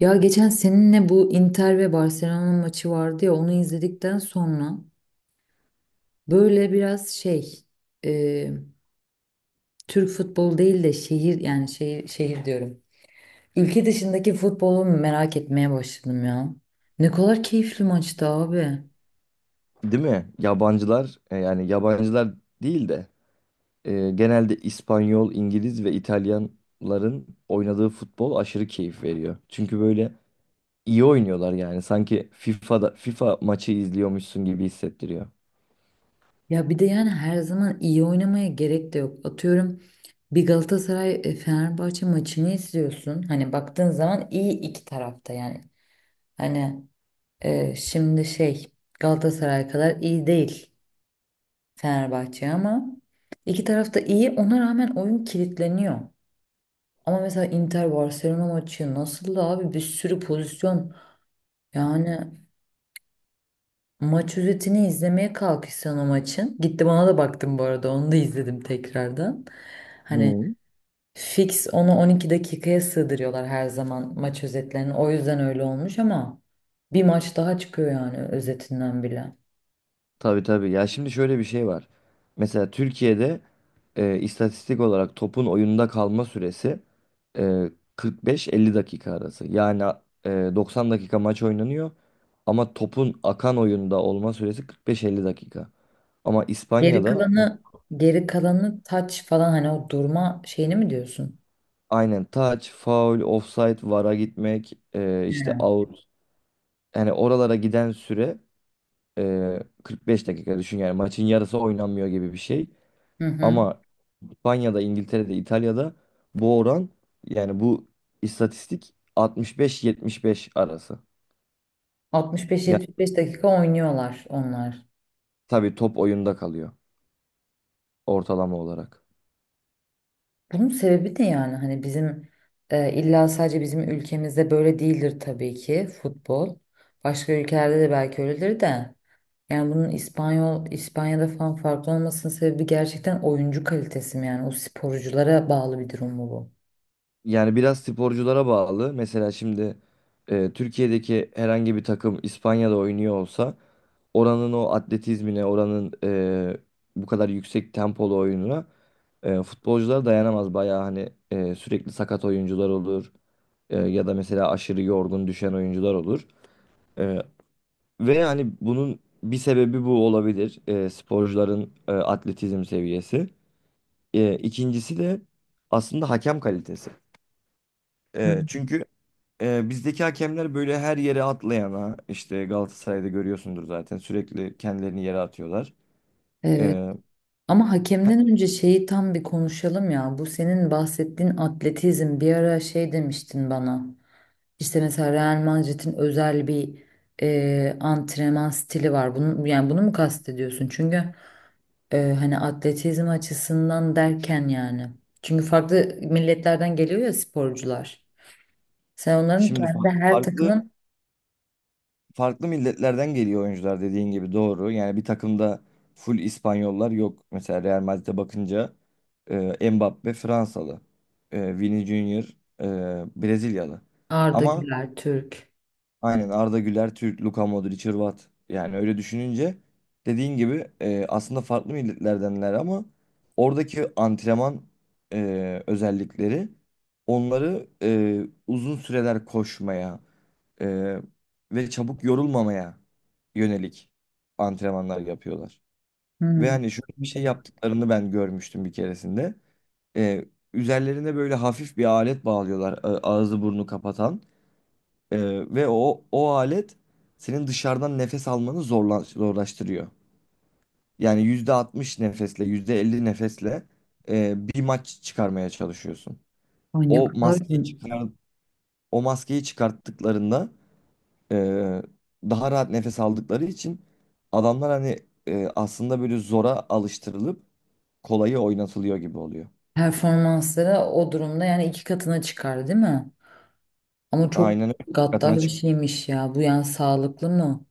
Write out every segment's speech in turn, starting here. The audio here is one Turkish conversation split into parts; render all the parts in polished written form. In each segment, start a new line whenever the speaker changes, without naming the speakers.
Ya geçen seninle bu Inter ve Barcelona maçı vardı ya onu izledikten sonra böyle biraz şey e, Türk futbolu değil de şehir yani şehir diyorum. Ülke dışındaki futbolu merak etmeye başladım ya. Ne kadar keyifli maçtı abi.
Değil mi? Yabancılar, yani yabancılar değil de, genelde İspanyol, İngiliz ve İtalyanların oynadığı futbol aşırı keyif veriyor. Çünkü böyle iyi oynuyorlar yani. Sanki FIFA'da FIFA maçı izliyormuşsun gibi hissettiriyor.
Ya bir de yani her zaman iyi oynamaya gerek de yok. Atıyorum bir Galatasaray Fenerbahçe maçını izliyorsun. Hani baktığın zaman iyi iki tarafta yani. Hani şimdi şey Galatasaray kadar iyi değil Fenerbahçe ama iki taraf da iyi ona rağmen oyun kilitleniyor. Ama mesela Inter Barcelona maçı nasıl da abi bir sürü pozisyon yani maç özetini izlemeye kalkışsan o maçın. Gittim ona da baktım bu arada onu da izledim tekrardan. Hani
Hı.
fix onu 12 dakikaya sığdırıyorlar her zaman maç özetlerini o yüzden öyle olmuş ama bir maç daha çıkıyor yani özetinden bile.
Tabii tabii. Ya şimdi şöyle bir şey var. Mesela Türkiye'de istatistik olarak topun oyunda kalma süresi e, 45-50 dakika arası. Yani 90 dakika maç oynanıyor ama topun akan oyunda olma süresi 45-50 dakika. Ama
Geri
İspanya'da
kalanı geri kalanı taç falan hani o durma şeyini mi diyorsun?
aynen touch, foul, offside, VAR'a gitmek,
He.
işte out. Yani oralara giden süre 45 dakika düşün, yani maçın yarısı oynanmıyor gibi bir şey.
Hı hı.
Ama İspanya'da, İngiltere'de, İtalya'da bu oran, yani bu istatistik 65-75 arası. Yani
65-75 dakika oynuyorlar onlar.
tabii top oyunda kalıyor, ortalama olarak.
Bunun sebebi ne yani? Hani bizim illa sadece bizim ülkemizde böyle değildir tabii ki futbol. Başka ülkelerde de belki öyledir de. Yani bunun İspanyol İspanya'da falan farklı olmasının sebebi gerçekten oyuncu kalitesi mi yani? O sporculara bağlı bir durum mu bu?
Yani biraz sporculara bağlı. Mesela şimdi Türkiye'deki herhangi bir takım İspanya'da oynuyor olsa oranın o atletizmine, oranın e, bu kadar yüksek tempolu oyununa futbolcular dayanamaz. Bayağı hani sürekli sakat oyuncular olur. Ya da mesela aşırı yorgun düşen oyuncular olur. E, Ve hani bunun bir sebebi bu olabilir. Sporcuların atletizm seviyesi. İkincisi de aslında hakem kalitesi.
Hı hı.
Çünkü bizdeki hakemler böyle her yere atlayana, işte Galatasaray'da görüyorsundur zaten, sürekli kendilerini yere atıyorlar.
Evet. Ama
Heh,
hakemden önce şeyi tam bir konuşalım ya. Bu senin bahsettiğin atletizm bir ara şey demiştin bana. İşte mesela Real Madrid'in özel bir antrenman stili var. Bunu, yani bunu mu kastediyorsun? Çünkü hani atletizm açısından derken yani. Çünkü farklı milletlerden geliyor ya sporcular. Sen onların
Şimdi
kendi her
farklı
takımın
farklı milletlerden geliyor oyuncular, dediğin gibi doğru. Yani bir takımda full İspanyollar yok. Mesela Real Madrid'e bakınca Mbappe Fransalı, Vini Junior Brezilyalı.
Arda
Ama
Güler, Türk.
aynen, Arda Güler, Türk, Luka Modric, Hırvat. Yani öyle düşününce dediğin gibi aslında farklı milletlerdenler ama oradaki antrenman özellikleri onları uzun süreler koşmaya e, ve çabuk yorulmamaya yönelik antrenmanlar yapıyorlar. Ve
Hmm.
hani şöyle bir şey
Anladım.
yaptıklarını ben görmüştüm bir keresinde. E, Üzerlerine böyle hafif bir alet bağlıyorlar, ağzı burnu kapatan. Ee, Ve o alet senin dışarıdan nefes almanı zorlaştırıyor. Yani %60 nefesle, %50 nefesle bir maç çıkarmaya çalışıyorsun.
Ay ne
O
kadar
maskeyi çıkar, O maskeyi çıkarttıklarında e, daha rahat nefes aldıkları için adamlar hani aslında böyle zora alıştırılıp kolayı oynatılıyor gibi oluyor.
performansları o durumda yani iki katına çıkar değil mi? Ama çok
Aynen öyle. Dikkatine.
gaddar bir şeymiş ya. Bu yani sağlıklı mı?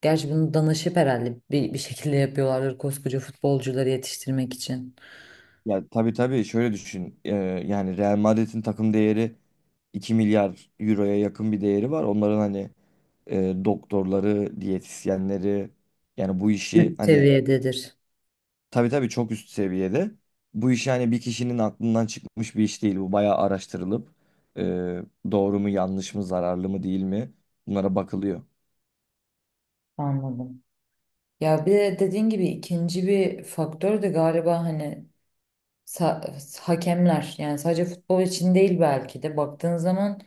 Gerçi bunu danışıp herhalde bir şekilde yapıyorlardır koskoca futbolcuları yetiştirmek için.
Ya tabii tabii, şöyle düşün. Yani Real Madrid'in takım değeri 2 milyar euroya yakın bir değeri var. Onların hani doktorları, diyetisyenleri, yani bu işi
Üst
hani,
seviyededir.
tabii tabii çok üst seviyede. Bu işi hani bir kişinin aklından çıkmış bir iş değil. Bu bayağı araştırılıp e, doğru mu yanlış mı, zararlı mı değil mi, bunlara bakılıyor.
Anladım. Ya bir de dediğin gibi ikinci bir faktör de galiba hani hakemler. Yani sadece futbol için değil belki de baktığın zaman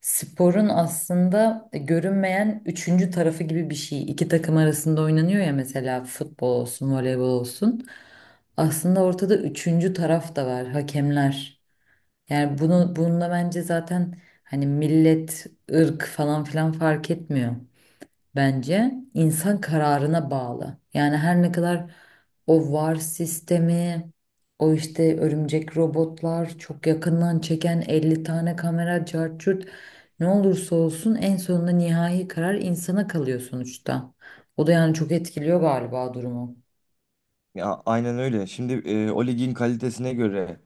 sporun aslında görünmeyen üçüncü tarafı gibi bir şey. İki takım arasında oynanıyor ya mesela futbol olsun, voleybol olsun. Aslında ortada üçüncü taraf da var, hakemler. Yani bunu bununla bence zaten hani millet, ırk falan filan fark etmiyor bence insan kararına bağlı. Yani her ne kadar o VAR sistemi, o işte örümcek robotlar, çok yakından çeken 50 tane kamera, cart curt ne olursa olsun en sonunda nihai karar insana kalıyor sonuçta. O da yani çok etkiliyor galiba durumu.
Ya aynen öyle. Şimdi o ligin kalitesine göre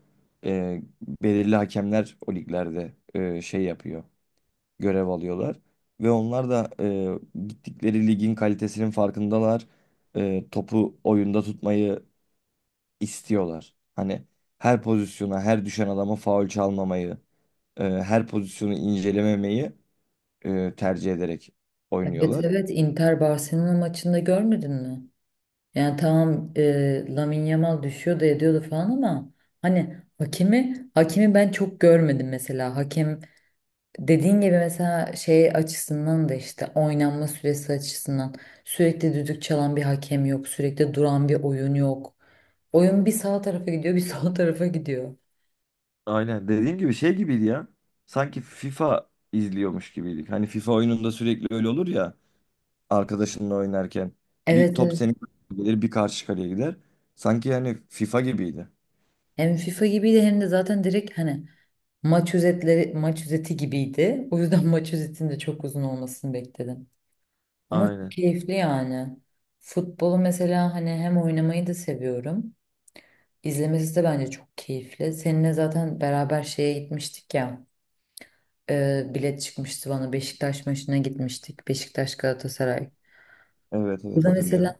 e, belirli hakemler o liglerde şey yapıyor, görev alıyorlar. Ve onlar da gittikleri ligin kalitesinin farkındalar. Topu oyunda tutmayı istiyorlar. Hani her pozisyona, her düşen adama faul çalmamayı, her pozisyonu incelememeyi tercih ederek
Evet,
oynuyorlar.
evet, Inter Barcelona maçında görmedin mi? Yani tamam Lamine Yamal düşüyordu ediyordu falan ama hani hakemi ben çok görmedim mesela. Hakem dediğin gibi mesela şey açısından da işte oynanma süresi açısından sürekli düdük çalan bir hakem yok, sürekli duran bir oyun yok. Oyun bir sağ tarafa gidiyor, bir sol tarafa gidiyor.
Aynen, dediğim gibi şey gibiydi ya. Sanki FIFA izliyormuş gibiydik. Hani FIFA oyununda sürekli öyle olur ya, arkadaşınla oynarken. Bir
Evet,
top
evet.
senin kaleye gelir, bir karşı kaleye gider. Sanki yani FIFA gibiydi.
Hem FIFA gibiydi hem de zaten direkt hani maç özetleri, maç özeti gibiydi. O yüzden maç özetinin de çok uzun olmasını bekledim. Ama çok
Aynen.
keyifli yani. Futbolu mesela hani hem oynamayı da seviyorum. İzlemesi de bence çok keyifli. Seninle zaten beraber şeye gitmiştik ya. Bilet çıkmıştı bana. Beşiktaş maçına gitmiştik. Beşiktaş Galatasaray.
Evet evet,
Burada
hatırlıyorum.
mesela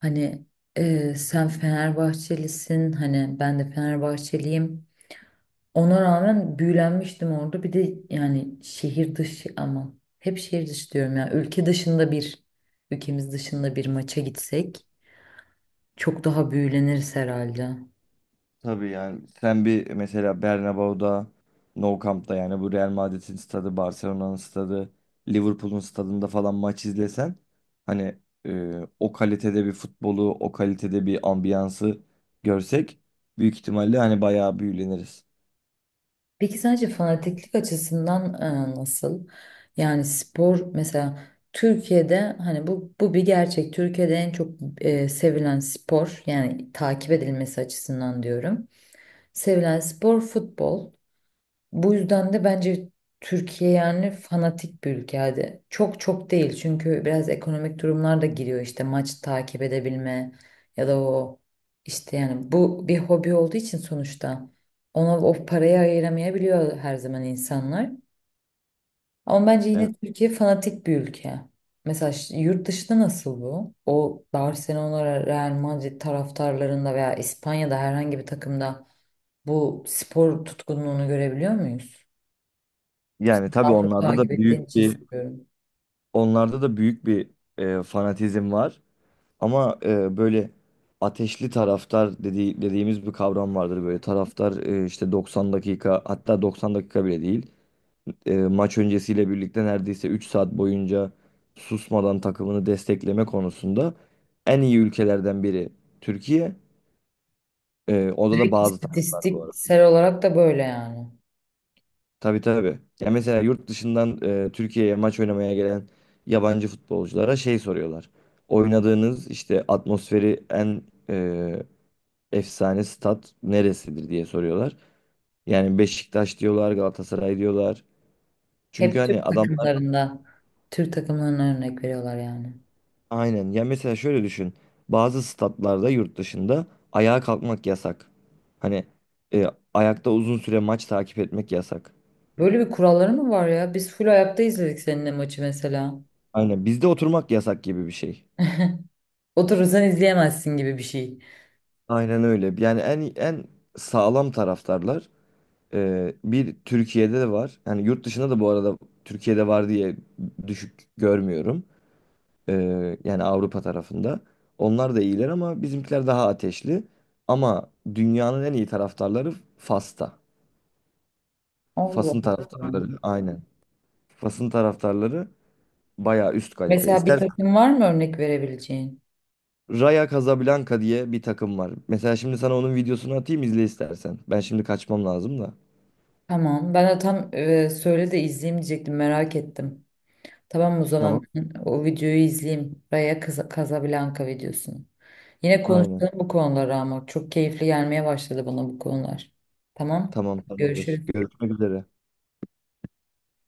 hani sen Fenerbahçelisin. Hani ben de Fenerbahçeliyim. Ona rağmen büyülenmiştim orada. Bir de yani şehir dışı ama hep şehir dışı diyorum ya. Ülke dışında ülkemiz dışında bir maça gitsek çok daha büyüleniriz herhalde.
Tabii, yani sen bir mesela Bernabéu'da, Nou Camp'ta, yani bu Real Madrid'in stadı, Barcelona'nın stadı, Liverpool'un stadında falan maç izlesen, hani o kalitede bir futbolu, o kalitede bir ambiyansı görsek, büyük ihtimalle hani bayağı büyüleniriz.
Peki sence fanatiklik açısından nasıl? Yani spor mesela Türkiye'de hani bu bir gerçek. Türkiye'de en çok sevilen spor yani takip edilmesi açısından diyorum. Sevilen spor futbol. Bu yüzden de bence Türkiye yani fanatik bir ülke hadi. Çok çok değil çünkü biraz ekonomik durumlar da giriyor işte maç takip edebilme ya da o işte yani bu bir hobi olduğu için sonuçta ona o parayı ayıramayabiliyor her zaman insanlar. Ama bence yine
Evet.
Türkiye fanatik bir ülke. Mesela yurt dışında nasıl bu? O Barcelona, Real Madrid taraftarlarında veya İspanya'da herhangi bir takımda bu spor tutkunluğunu görebiliyor muyuz?
Yani tabii
Daha çok
onlarda
takip
da
ettiğin
büyük
için
bir
soruyorum.
onlarda da büyük bir fanatizm var. Ama böyle ateşli taraftar dediğimiz bir kavram vardır. Böyle taraftar işte 90 dakika, hatta 90 dakika bile değil. Maç öncesiyle birlikte neredeyse 3 saat boyunca susmadan takımını destekleme konusunda en iyi ülkelerden biri Türkiye. Orada da
Direkt
bazı taraftar bu arada.
istatistiksel olarak da böyle yani.
Tabii tabii. Ya mesela yurt dışından Türkiye'ye maç oynamaya gelen yabancı futbolculara şey soruyorlar. Oynadığınız işte atmosferi en e, efsane stat neresidir, diye soruyorlar. Yani Beşiktaş diyorlar, Galatasaray diyorlar. Çünkü
Hep
hani
Türk
adamlar,
takımlarında, Türk takımlarına örnek veriyorlar yani.
aynen. Ya mesela şöyle düşün. Bazı statlarda yurt dışında ayağa kalkmak yasak. Hani e, ayakta uzun süre maç takip etmek yasak.
Böyle bir kuralları mı var ya? Biz full ayakta izledik seninle maçı mesela.
Aynen bizde oturmak yasak gibi bir şey.
Oturursan izleyemezsin gibi bir şey.
Aynen öyle. Yani en sağlam taraftarlar bir Türkiye'de de var. Yani yurt dışında da bu arada, Türkiye'de var diye düşük görmüyorum. Yani Avrupa tarafında. Onlar da iyiler ama bizimkiler daha ateşli. Ama dünyanın en iyi taraftarları Fas'ta.
Allah
Fas'ın
Allah.
taraftarları, aynen. Fas'ın taraftarları bayağı üst kalite.
Mesela bir
İstersen
takım var mı örnek verebileceğin?
Raja Casablanca diye bir takım var. Mesela şimdi sana onun videosunu atayım, izle istersen. Ben şimdi kaçmam lazım da.
Tamam. Ben de tam söyle de izleyeyim diyecektim. Merak ettim. Tamam o zaman
Tamam.
ben o videoyu izleyeyim. Raya Casablanca videosunu. Yine
Aynen.
konuşalım bu konuları ama çok keyifli gelmeye başladı bana bu konular. Tamam.
Tamam, tamamdır.
Görüşürüz.
Görüşmek üzere.